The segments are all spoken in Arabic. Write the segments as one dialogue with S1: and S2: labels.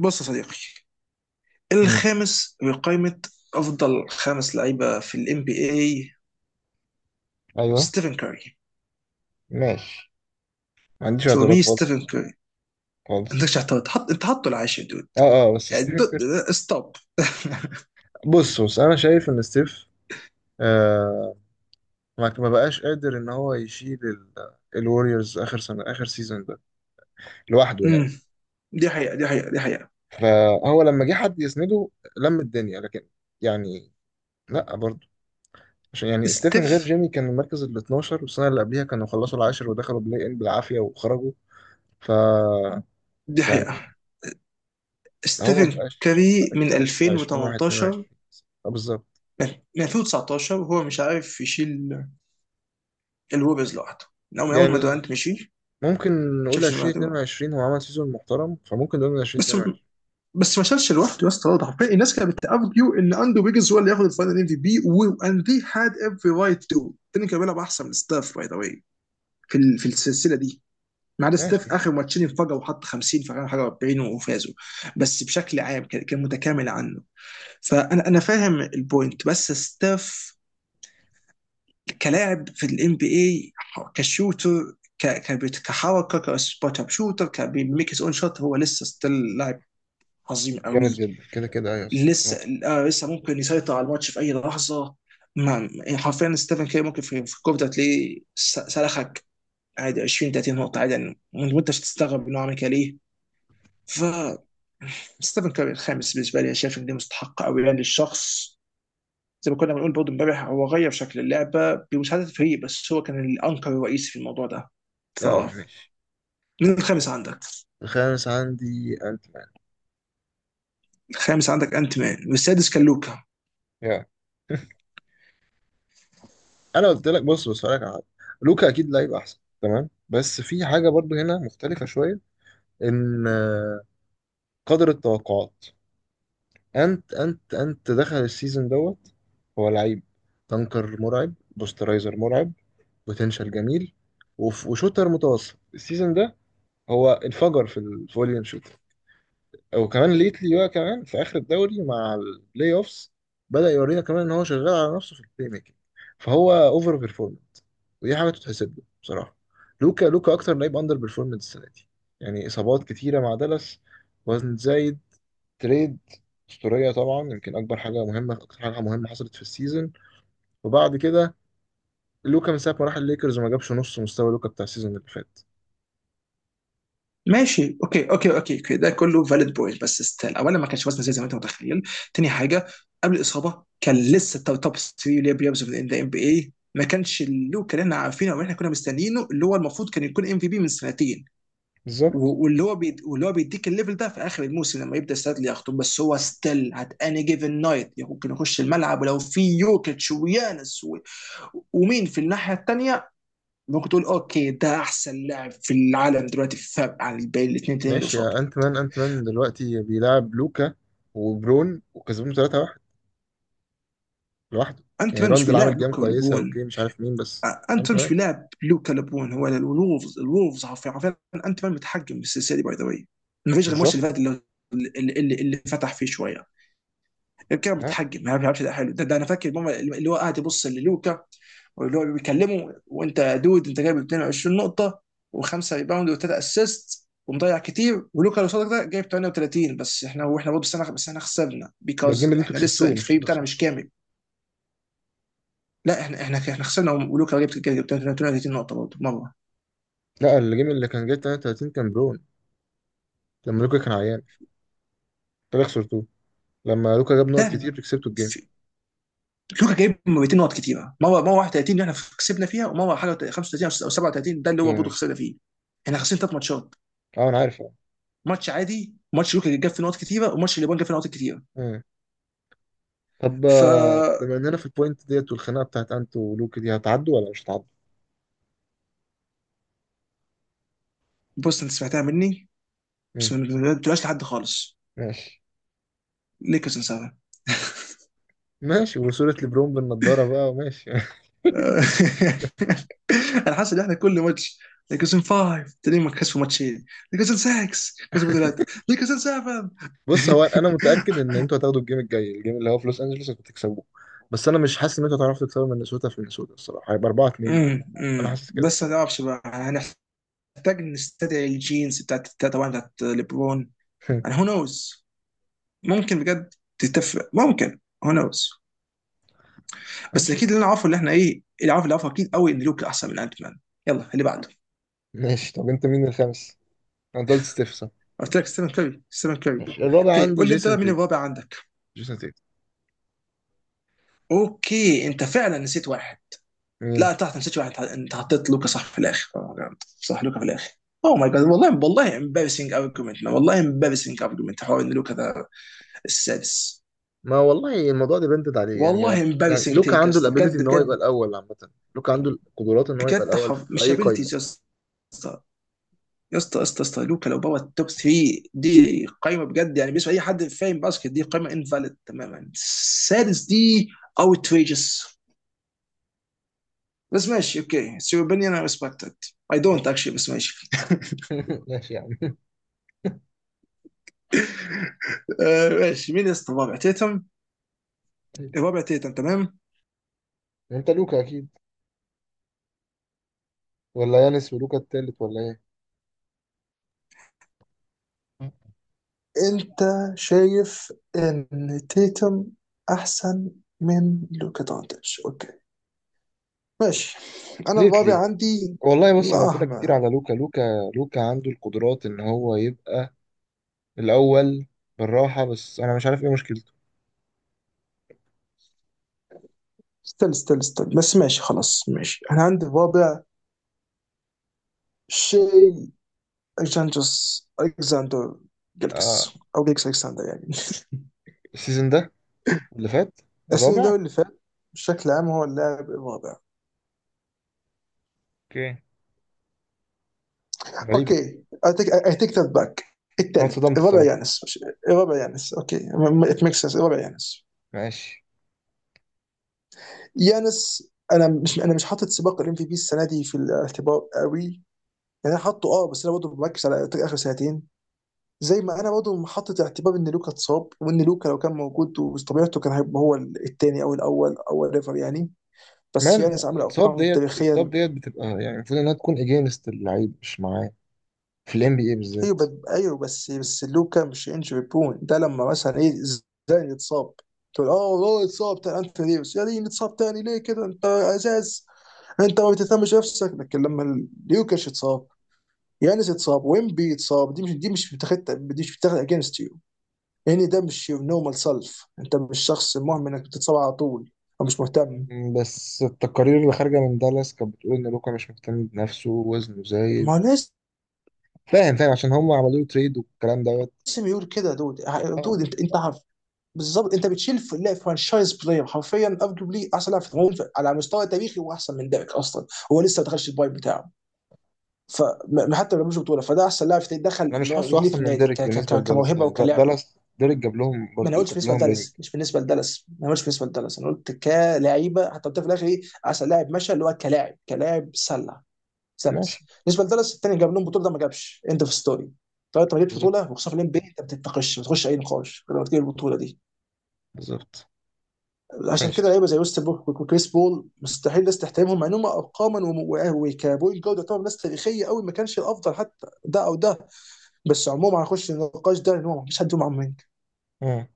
S1: بص يا صديقي،
S2: امم
S1: الخامس بقائمة أفضل خمس لعيبة في ال NBA
S2: ايوه،
S1: ستيفن كاري.
S2: ماشي. ما عنديش
S1: فور مي
S2: اعتراض
S1: ستيفن
S2: خالص.
S1: كاري ما
S2: خالص.
S1: عندكش اعتراض، حط أنت، حطه العاشر دود،
S2: اه، اه، بس
S1: يعني
S2: ستيفن
S1: دود
S2: كير.
S1: ستوب.
S2: بص بص انا شايف ان ستيف آه ما بقاش قادر ان هو يشيل الوريورز اخر سنه اخر سيزون ده لوحده يعني.
S1: أمم، دي حقيقة، دي حقيقة، دي حقيقة.
S2: فهو لما جه حد يسنده لم الدنيا، لكن يعني، لا برضه. عشان يعني ستيف من غير
S1: ستيف
S2: جيمي كان المركز ال 12، والسنه اللي قبليها كانوا خلصوا العاشر ودخلوا بلاي ان بالعافيه وخرجوا. ف
S1: دي
S2: يعني،
S1: حقيقة.
S2: هو ما
S1: ستيفن
S2: بقاش ما
S1: كاري
S2: بقاش
S1: من
S2: ستيف بتاع 20
S1: 2018،
S2: 21. بالظبط.
S1: من من 2019 وهو مش عارف يشيل الويبرز لوحده من أول ما
S2: يعني
S1: دورانت مشي. ما
S2: ممكن نقول
S1: شافش لوحده.
S2: 2022 هو عمل سيزون محترم، فممكن نقول من
S1: بس
S2: 2022.
S1: بس ما شالش لوحده يا اسطى، برضه حرفيا الناس كانت بتارجيو ان اندرو ويجنز هو اللي ياخد الفاينل ام في بي، واند ذي هاد افري رايت تو، التاني كان بيلعب احسن من ستاف باي ذا واي في السلسله دي. ما عدا ستاف،
S2: ماشي.
S1: اخر ماتشين انفجروا وحط 50 في اخر حاجه 40 وفازوا. بس بشكل عام كان متكامل عنه. انا فاهم البوينت، بس ستاف كلاعب في الام بي اي، كشوتر، كحركه، كسبوت اب شوتر، كبيميك هيز اون شوت، هو لسه ستيل لاعب عظيم
S2: جامد
S1: قوي.
S2: جدا كده كده، ايوه، صح،
S1: لسه
S2: اه.
S1: لسه ممكن يسيطر على الماتش في اي لحظه. ما يعني حرفيا ستيفن كير ممكن في الكوره ده تلاقيه سلخك عادي 20 30 نقطه عادي يعني، وانت مش هتستغرب انه عمل كده ليه. ف ستيفن كير الخامس بالنسبه لي، أنا شايف ان دي مستحقه قوي يعني للشخص. زي ما كنا بنقول برضه امبارح، هو غير شكل اللعبه بمساعده الفريق، بس هو كان الانكر الرئيسي في الموضوع ده.
S2: آه،
S1: فاه.
S2: ماشي.
S1: مين الخامس عندك؟
S2: الخامس عندي انت مان.
S1: الخامس عندك انت مان، والسادس كان لوكا.
S2: يا، انا قلت لك بص بص هقولك على حاجه. لوكا اكيد لعيب احسن، تمام، بس في حاجه برضو هنا مختلفه شويه. ان قدر التوقعات. انت دخل السيزون دوت. هو لعيب، تنكر مرعب، بوسترايزر مرعب، بوتنشال جميل، وشوتر متوسط. السيزون ده هو انفجر في الفوليوم شوت، وكمان ليتلي بقى كمان في اخر الدوري مع البلاي اوفس بدأ يورينا كمان ان هو شغال على نفسه في البلاي ميكنج. فهو اوفر بيرفورمنت، ودي حاجه تتحسب له بصراحه. لوكا، لوكا اكتر لعيب اندر بيرفورمنت السنه دي. يعني اصابات كتيره مع دالاس، وزن زايد، تريد اسطوريه طبعا. يمكن اكبر حاجه مهمه، اكتر حاجه مهمه حصلت في السيزون. وبعد كده لوكا من ساعه ما راح الليكرز وما جابش نص مستوى لوكا بتاع السيزون اللي فات.
S1: ماشي، اوكي اوكي اوكي اوكي، ده كله فاليد بوينت، بس ستيل اولا ما كانش وزنه زي ما انت متخيل. تاني حاجه، قبل الاصابه كان لسه توب 3 اللي بيلعبوا في الان بي اي، ما كانش اللوك اللي احنا عارفينه او احنا كنا مستنيينه، اللي هو المفروض كان يكون ام في بي من سنتين، واللي هو بيديك الليفل ده في اخر الموسم، لما يبدا ستادلي يخطب، بس هو ستيل هات اني جيفن نايت ممكن يخش الملعب ولو في يوكيتش ويانس ومين في الناحيه الثانيه ممكن تقول اوكي ده احسن لاعب في العالم دلوقتي، في فرق عن الباقي الاثنين التانيين اللي
S2: ماشي
S1: قصاده.
S2: يا انت مان. انت مان دلوقتي بيلعب لوكا وبرون وكسبهم 3-1 لوحده.
S1: انت
S2: يعني
S1: مان مش
S2: راندل عامل
S1: بيلاعب
S2: جيم
S1: لوكا
S2: كويسه،
S1: ولبون،
S2: اوكي مش عارف مين بس.
S1: انت
S2: انت
S1: مش
S2: مان.
S1: بيلاعب لوكا لبون، هو الولفز، الولفز حرفيا حرفيا. انت مان متحكم بالسلسله دي باي ذا واي. ما فيش غير الماتش
S2: بالظبط.
S1: اللي فات، اللي فتح فيه شويه، غير كده
S2: ها.
S1: بتحجم، ما بيلعبش. ده حلو، ده انا فاكر ماما اللي هو قاعد يبص للوكا، واللي هو بيكلمه، وانت يا دود انت جايب 22 نقطه وخمسه ريباوند وثلاثه اسيست ومضيع كتير، ولوكا اللي قصادك ده جايب 38، بس احنا، واحنا برضه سنه، بس احنا خسرنا
S2: ده الجيم
S1: بيكوز
S2: اللي انتوا
S1: احنا لسه
S2: كسبتوه مش
S1: الفريق
S2: اللي
S1: بتاعنا مش
S2: خسرتوه.
S1: كامل. لا، احنا خسرنا ولوكا جايب 38 نقطه برضه مره.
S2: لا، الجيم اللي كان جاي 33 كان برون، لما لوكا كان عيان. انتوا اللي خسرتوه لما لوكا جاب
S1: ده
S2: نقط كتير كسبتوا الجيم.
S1: في- لوكا جايب 200 نقط كتيره، مره 31 اللي احنا كسبنا فيها، ومره حاجه 35 او 37 ده اللي
S2: اوكي،
S1: هو برضه
S2: ماشي.
S1: خسرنا فيه. احنا خسرنا ثلاث ماتشات،
S2: اه، انا عارف، اه.
S1: ماتش عادي، ماتش يوكي جاب فيه نقط كتيره، وماتش اليابان جاب فيه نقط كتيره.
S2: مم. طب
S1: ف
S2: آه، بما اننا في البوينت ديت، والخناقه بتاعت انت ولوكا دي هتعدوا ولا مش هتعدوا؟
S1: بص انت سمعتها مني، بس
S2: مم.
S1: ما تقولهاش لحد خالص.
S2: ماشي.
S1: ليكرز ان 7.
S2: ماشي، وصورة لبرون بالنضاره بقى، ماشي
S1: انا حاسس ان احنا كل ماتش، ليكرز ان 5 تلاقيهم كسبوا ماتشين، ليكرز ان 6 كسبوا ثلاثه، ليكرز ان 7.
S2: بص، هو انا متاكد ان انتوا هتاخدوا الجيم الجاي، الجيم اللي هو في لوس انجلوس انتوا هتكسبوه. بس انا مش حاسس ان انتوا هتعرفوا تكسبوا من مينيسوتا. في مينيسوتا الصراحه هيبقى 4-2.
S1: أمم،
S2: انا
S1: أمم.
S2: حاسس كده
S1: بس ما
S2: الصراحه.
S1: نعرفش بقى، هنحتاج نستدعي الجينز طبعا بتاعت ليبرون. انا هو نوز، ممكن بجد تتفق، ممكن. هو نوز. بس
S2: هنشوف.
S1: اكيد اللي انا عارفه، اللي احنا ايه، اللي عارف اللي عارفه، اكيد قوي ان لوكا احسن من انت مان. يلا اللي بعده.
S2: ماشي. طب انت مين الخامس؟ انا قلت ستيف، صح؟
S1: قلت لك
S2: ماشي.
S1: ستيفن كاري، ستيفن كاري.
S2: ماشي، الرابع
S1: اوكي،
S2: عندي
S1: قول لي انت بقى
S2: جيسون
S1: مين
S2: تيت.
S1: الرابع عندك.
S2: جيسون تيت.
S1: اوكي انت فعلا نسيت واحد.
S2: مين؟
S1: لا، تحت نسيت واحد، انت حطيت لوكا صح في الاخر. Oh my God. صح لوكا في الاخر. اوه ماي جاد، والله والله امبارسنج ارجيومنت، والله امبارسنج ارجيومنت، حوار ان لوكا ده السادس.
S2: ما والله الموضوع ده بنتد عليه يعني.
S1: والله
S2: يعني
S1: امبارسنج
S2: لوكا
S1: تيك يا
S2: عنده
S1: اسطى،
S2: الابيليتي
S1: بجد
S2: ان هو يبقى
S1: بجد.
S2: الاول عامه. لوكا عنده القدرات ان هو يبقى
S1: بجد
S2: الاول في
S1: مش
S2: اي قايمه.
S1: ابيلتيز يا اسطى، يا اسطى يا اسطى يا اسطى لوكا لو بابا التوب 3، دي قايمه بجد يعني، بالنسبه لاي حد فاهم باسكت دي قايمه انفاليد تماما، السادس دي اوتريجس. بس ماشي، اوكي سير، اوبينيون اي ريسبكتد. اي دونت اكشلي، بس ماشي.
S2: ماشي يا عم.
S1: آه، ماشي، مين يا اسطى الرابع؟ تيتم. الرابع تيتم تمام.
S2: انت لوكا اكيد، ولا يانس ولوكا التالت ولا ايه؟
S1: انت شايف ان تيتم احسن من لوكا دونتش. اوكي ماشي. انا الرابع
S2: ليتلي.
S1: عندي،
S2: والله بص انا قلت لك كتير
S1: مهما.
S2: على لوكا، لوكا. لوكا عنده القدرات ان هو يبقى الاول بالراحه، بس انا مش عارف ايه مشكلته.
S1: استنى استنى استنى، بس ماشي خلاص ماشي، انا عندي الرابع شيء اكسانجوس، الكساندر جلجس،
S2: آه.
S1: او جلجس الكساندر يعني.
S2: السيزون ده اللي فات
S1: السيزون
S2: الرابع.
S1: ده اللي فات بشكل عام هو اللاعب الرابع.
S2: اوكي. غريبه.
S1: اوكي، اي تيك ذات باك.
S2: انا
S1: الثالث،
S2: اتصدمت
S1: الرابع
S2: الصراحه.
S1: يانس الرابع يانس اوكي. ات ميك سنس الرابع يانس.
S2: ماشي.
S1: يانس، انا مش حاطط سباق الام في بي السنه دي في الاعتبار قوي يعني. انا حاطه بس انا برضه بركز على اخر سنتين، زي ما انا برضه حاطط اعتبار ان لوكا اتصاب، وان لوكا لو كان موجود وطبيعته كان هيبقى هو الثاني او الاول او ايفر يعني. بس
S2: مان
S1: يانس عامل
S2: اتصاب
S1: ارقام
S2: ديت، اتصاب
S1: تاريخيه.
S2: ديت بتبقى يعني المفروض انها تكون اجينست اللعيب مش معاه، في الام بي اي بالذات.
S1: ايوه، بس لوكا مش انجري بون ده، لما مثلا ايه، زين يتصاب، تقول اه والله اتصاب تاني، انت ديفيس يا دين اتصاب تاني ليه كده، انت ازاز، انت ما بتهتمش نفسك. لكن لما ليوكاش اتصاب، يانس اتصاب، ويمبي اتصاب، دي مش بتاخد اجينست يعني. ده مش your normal self، انت مش شخص مهم انك بتتصاب على طول او مش مهتم.
S2: م، بس التقارير اللي خارجه من دالاس كانت بتقول ان لوكا مش مهتم بنفسه، وزنه زايد.
S1: ما لازم
S2: فاهم، فاهم، عشان هم عملوا له تريد والكلام دوت.
S1: يقول كده يا دود،
S2: آه.
S1: دود، انت عارف بالظبط، انت بتشيل في لا فرانشايز بلاير، حرفيا ارجوبلي احسن لاعب في الهجوم على مستوى تاريخي، واحسن من ديريك اصلا. هو لسه ما دخلش البايب بتاعه. فحتى ما جابش بطوله، فده احسن لاعب دخل
S2: انا مش
S1: اللي هو
S2: حاسه
S1: رجليه في
S2: احسن من
S1: النادي
S2: ديريك بالنسبه لدالاس،
S1: كموهبه
S2: يعني
S1: وكلاعب.
S2: دالاس ديريك جاب لهم
S1: ما انا
S2: برضو،
S1: قلتش
S2: جاب
S1: بالنسبه
S2: لهم رينج.
S1: لدالاس، مش بالنسبه لدالاس. ما انا قلتش بالنسبه لدالاس، انا قلت كلاعيبه. حتى قلت في الاخر ايه احسن لاعب مشى، اللي هو كلاعب سله،
S2: ماشي.
S1: سلس بالنسبه لدالاس. الثاني جاب لهم بطوله، ده ما جابش. اند اوف ستوري. طب انت ما جبتش
S2: بالظبط،
S1: بطوله، وخصوصا في الام بي، انت ما بتتناقش، ما بتخش اي نقاش لما تجيب البطوله دي.
S2: بالظبط.
S1: عشان كده
S2: ماشي،
S1: لعيبه زي ويست بوك وكريس بول مستحيل الناس تحترمهم مع انهم ارقاما، وكبوينت جارد يعتبر ناس تاريخيه قوي، ما كانش الافضل حتى ده او ده. بس عموما هنخش النقاش ده ان هو ما فيش حد فيهم.
S2: اه.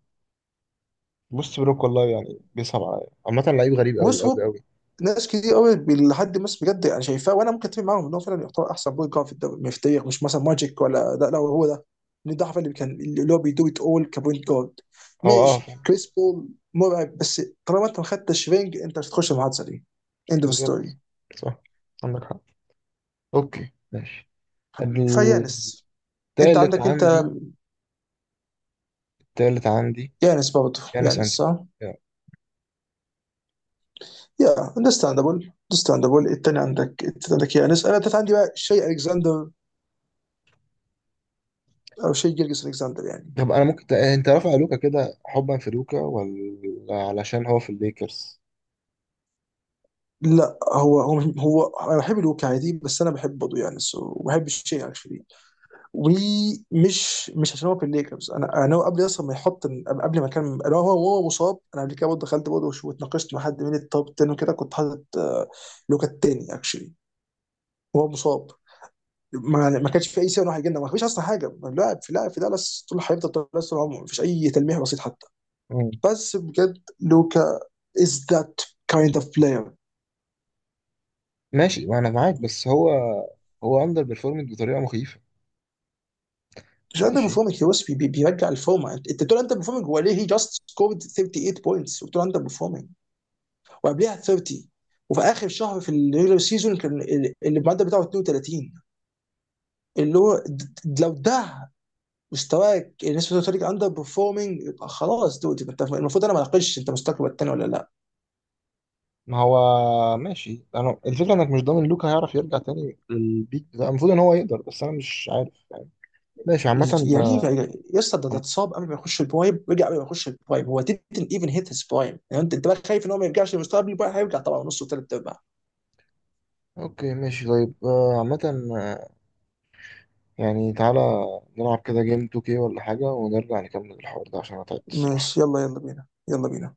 S2: بص، بروك والله يعني بيصعب عليا عامة لعيب غريب قوي
S1: بص
S2: قوي
S1: هو،
S2: قوي.
S1: ناس كتير قوي لحد ما بجد يعني شايفاه، وانا ممكن اتفق معاهم ان هو فعلا يعتبر احسن بوينت جارد في الدوري، مش في التاريخ، مش مثلا ماجيك، ولا لا لا هو ده. ان ده حرفيا اللي كان اللي هو بيدو ات اول كبوينت جارد.
S2: هو
S1: ماشي
S2: فاهم.
S1: كريس بول مرعب، بس طالما انت ما خدتش رينج، انت مش هتخش المحادثه دي. اند اوف ستوري.
S2: بالظبط، صح، عندك حق. اوكي، ماشي. التالت
S1: فيانس. انت عندك انت،
S2: عندي، التالت عندي
S1: يانس برضه،
S2: يانس،
S1: يانس
S2: انتي.
S1: صح؟
S2: يعني.
S1: يا اندستاندابل، اندستاندابل. التاني عندك، التاني عندك يانس، انا التالت عندي بقى شيء الكسندر، او شيء جيرجس الكسندر يعني.
S2: طب انا ممكن انت رافع لوكا كده حبا في لوكا، ولا علشان هو في الليكرز؟
S1: لا، هو انا بحب الواقعيه دي، بس انا بحب برضه يعني، سو بحب الشيء اكشلي. ومش مش عشان هو في الليكرز، انا هو قبل اصلا ما يحط، قبل ما كان انا، هو مصاب، انا قبل كده برضه دخلت برضه، واتناقشت مع حد من التوب 10 وكده كنت حاطط لوكا التاني اكشلي، وهو مصاب. ما كانش في اي سبب إن واحد يجينا، ما فيش اصلا حاجه، لاعب في دالاس طول، هيفضل دالاس طول عمره، ما فيش اي تلميح بسيط حتى.
S2: مم.
S1: بس بجد لوكا از ذات كايند اوف بلاير.
S2: ماشي، ما انا معاك، بس هو، هو اندر بيرفورمنج بطريقه مخيفه.
S1: مش اندر
S2: ماشي.
S1: بيرفورمينج، هو بس بيرجع الفورمه. انت بتقول اندر بيرفورمينج، هو ليه هي جاست سكورد 38 بوينتس وبتقول اندر بيرفورمينج، وقبلها 30. وفي اخر شهر في الريجولر سيزون كان المعدل بتاعه 32. اللي هو لو ده مستواك الناس بتقول لك اندر بيرفورمينج، يبقى خلاص دود، يبقى انت المفروض، انا ما اناقشش انت مستواك الثاني ولا لا.
S2: ما هو ماشي، انا الفكره انك مش ضامن لوكا هيعرف يرجع تاني للبيك بتاع، المفروض ان هو يقدر، بس انا مش عارف يعني. ماشي عامه.
S1: يعني ايه؟
S2: آه،
S1: يعني يا اسطى، ده اتصاب قبل ما يخش البرايم، رجع قبل ما يخش البرايم، هو didn't even hit his prime يعني. انت بقى خايف ان هو ما يرجعش لمستوى قبل البرايم، هيرجع طبعا نص وثلاث ارباع.
S2: اوكي، ماشي، طيب عامه آه، يعني تعالى نلعب كده جيم 2K ولا حاجه، ونرجع نكمل الحوار ده عشان انا تعبت الصراحه.
S1: ماشي يلا يلا بينا يلا بينا.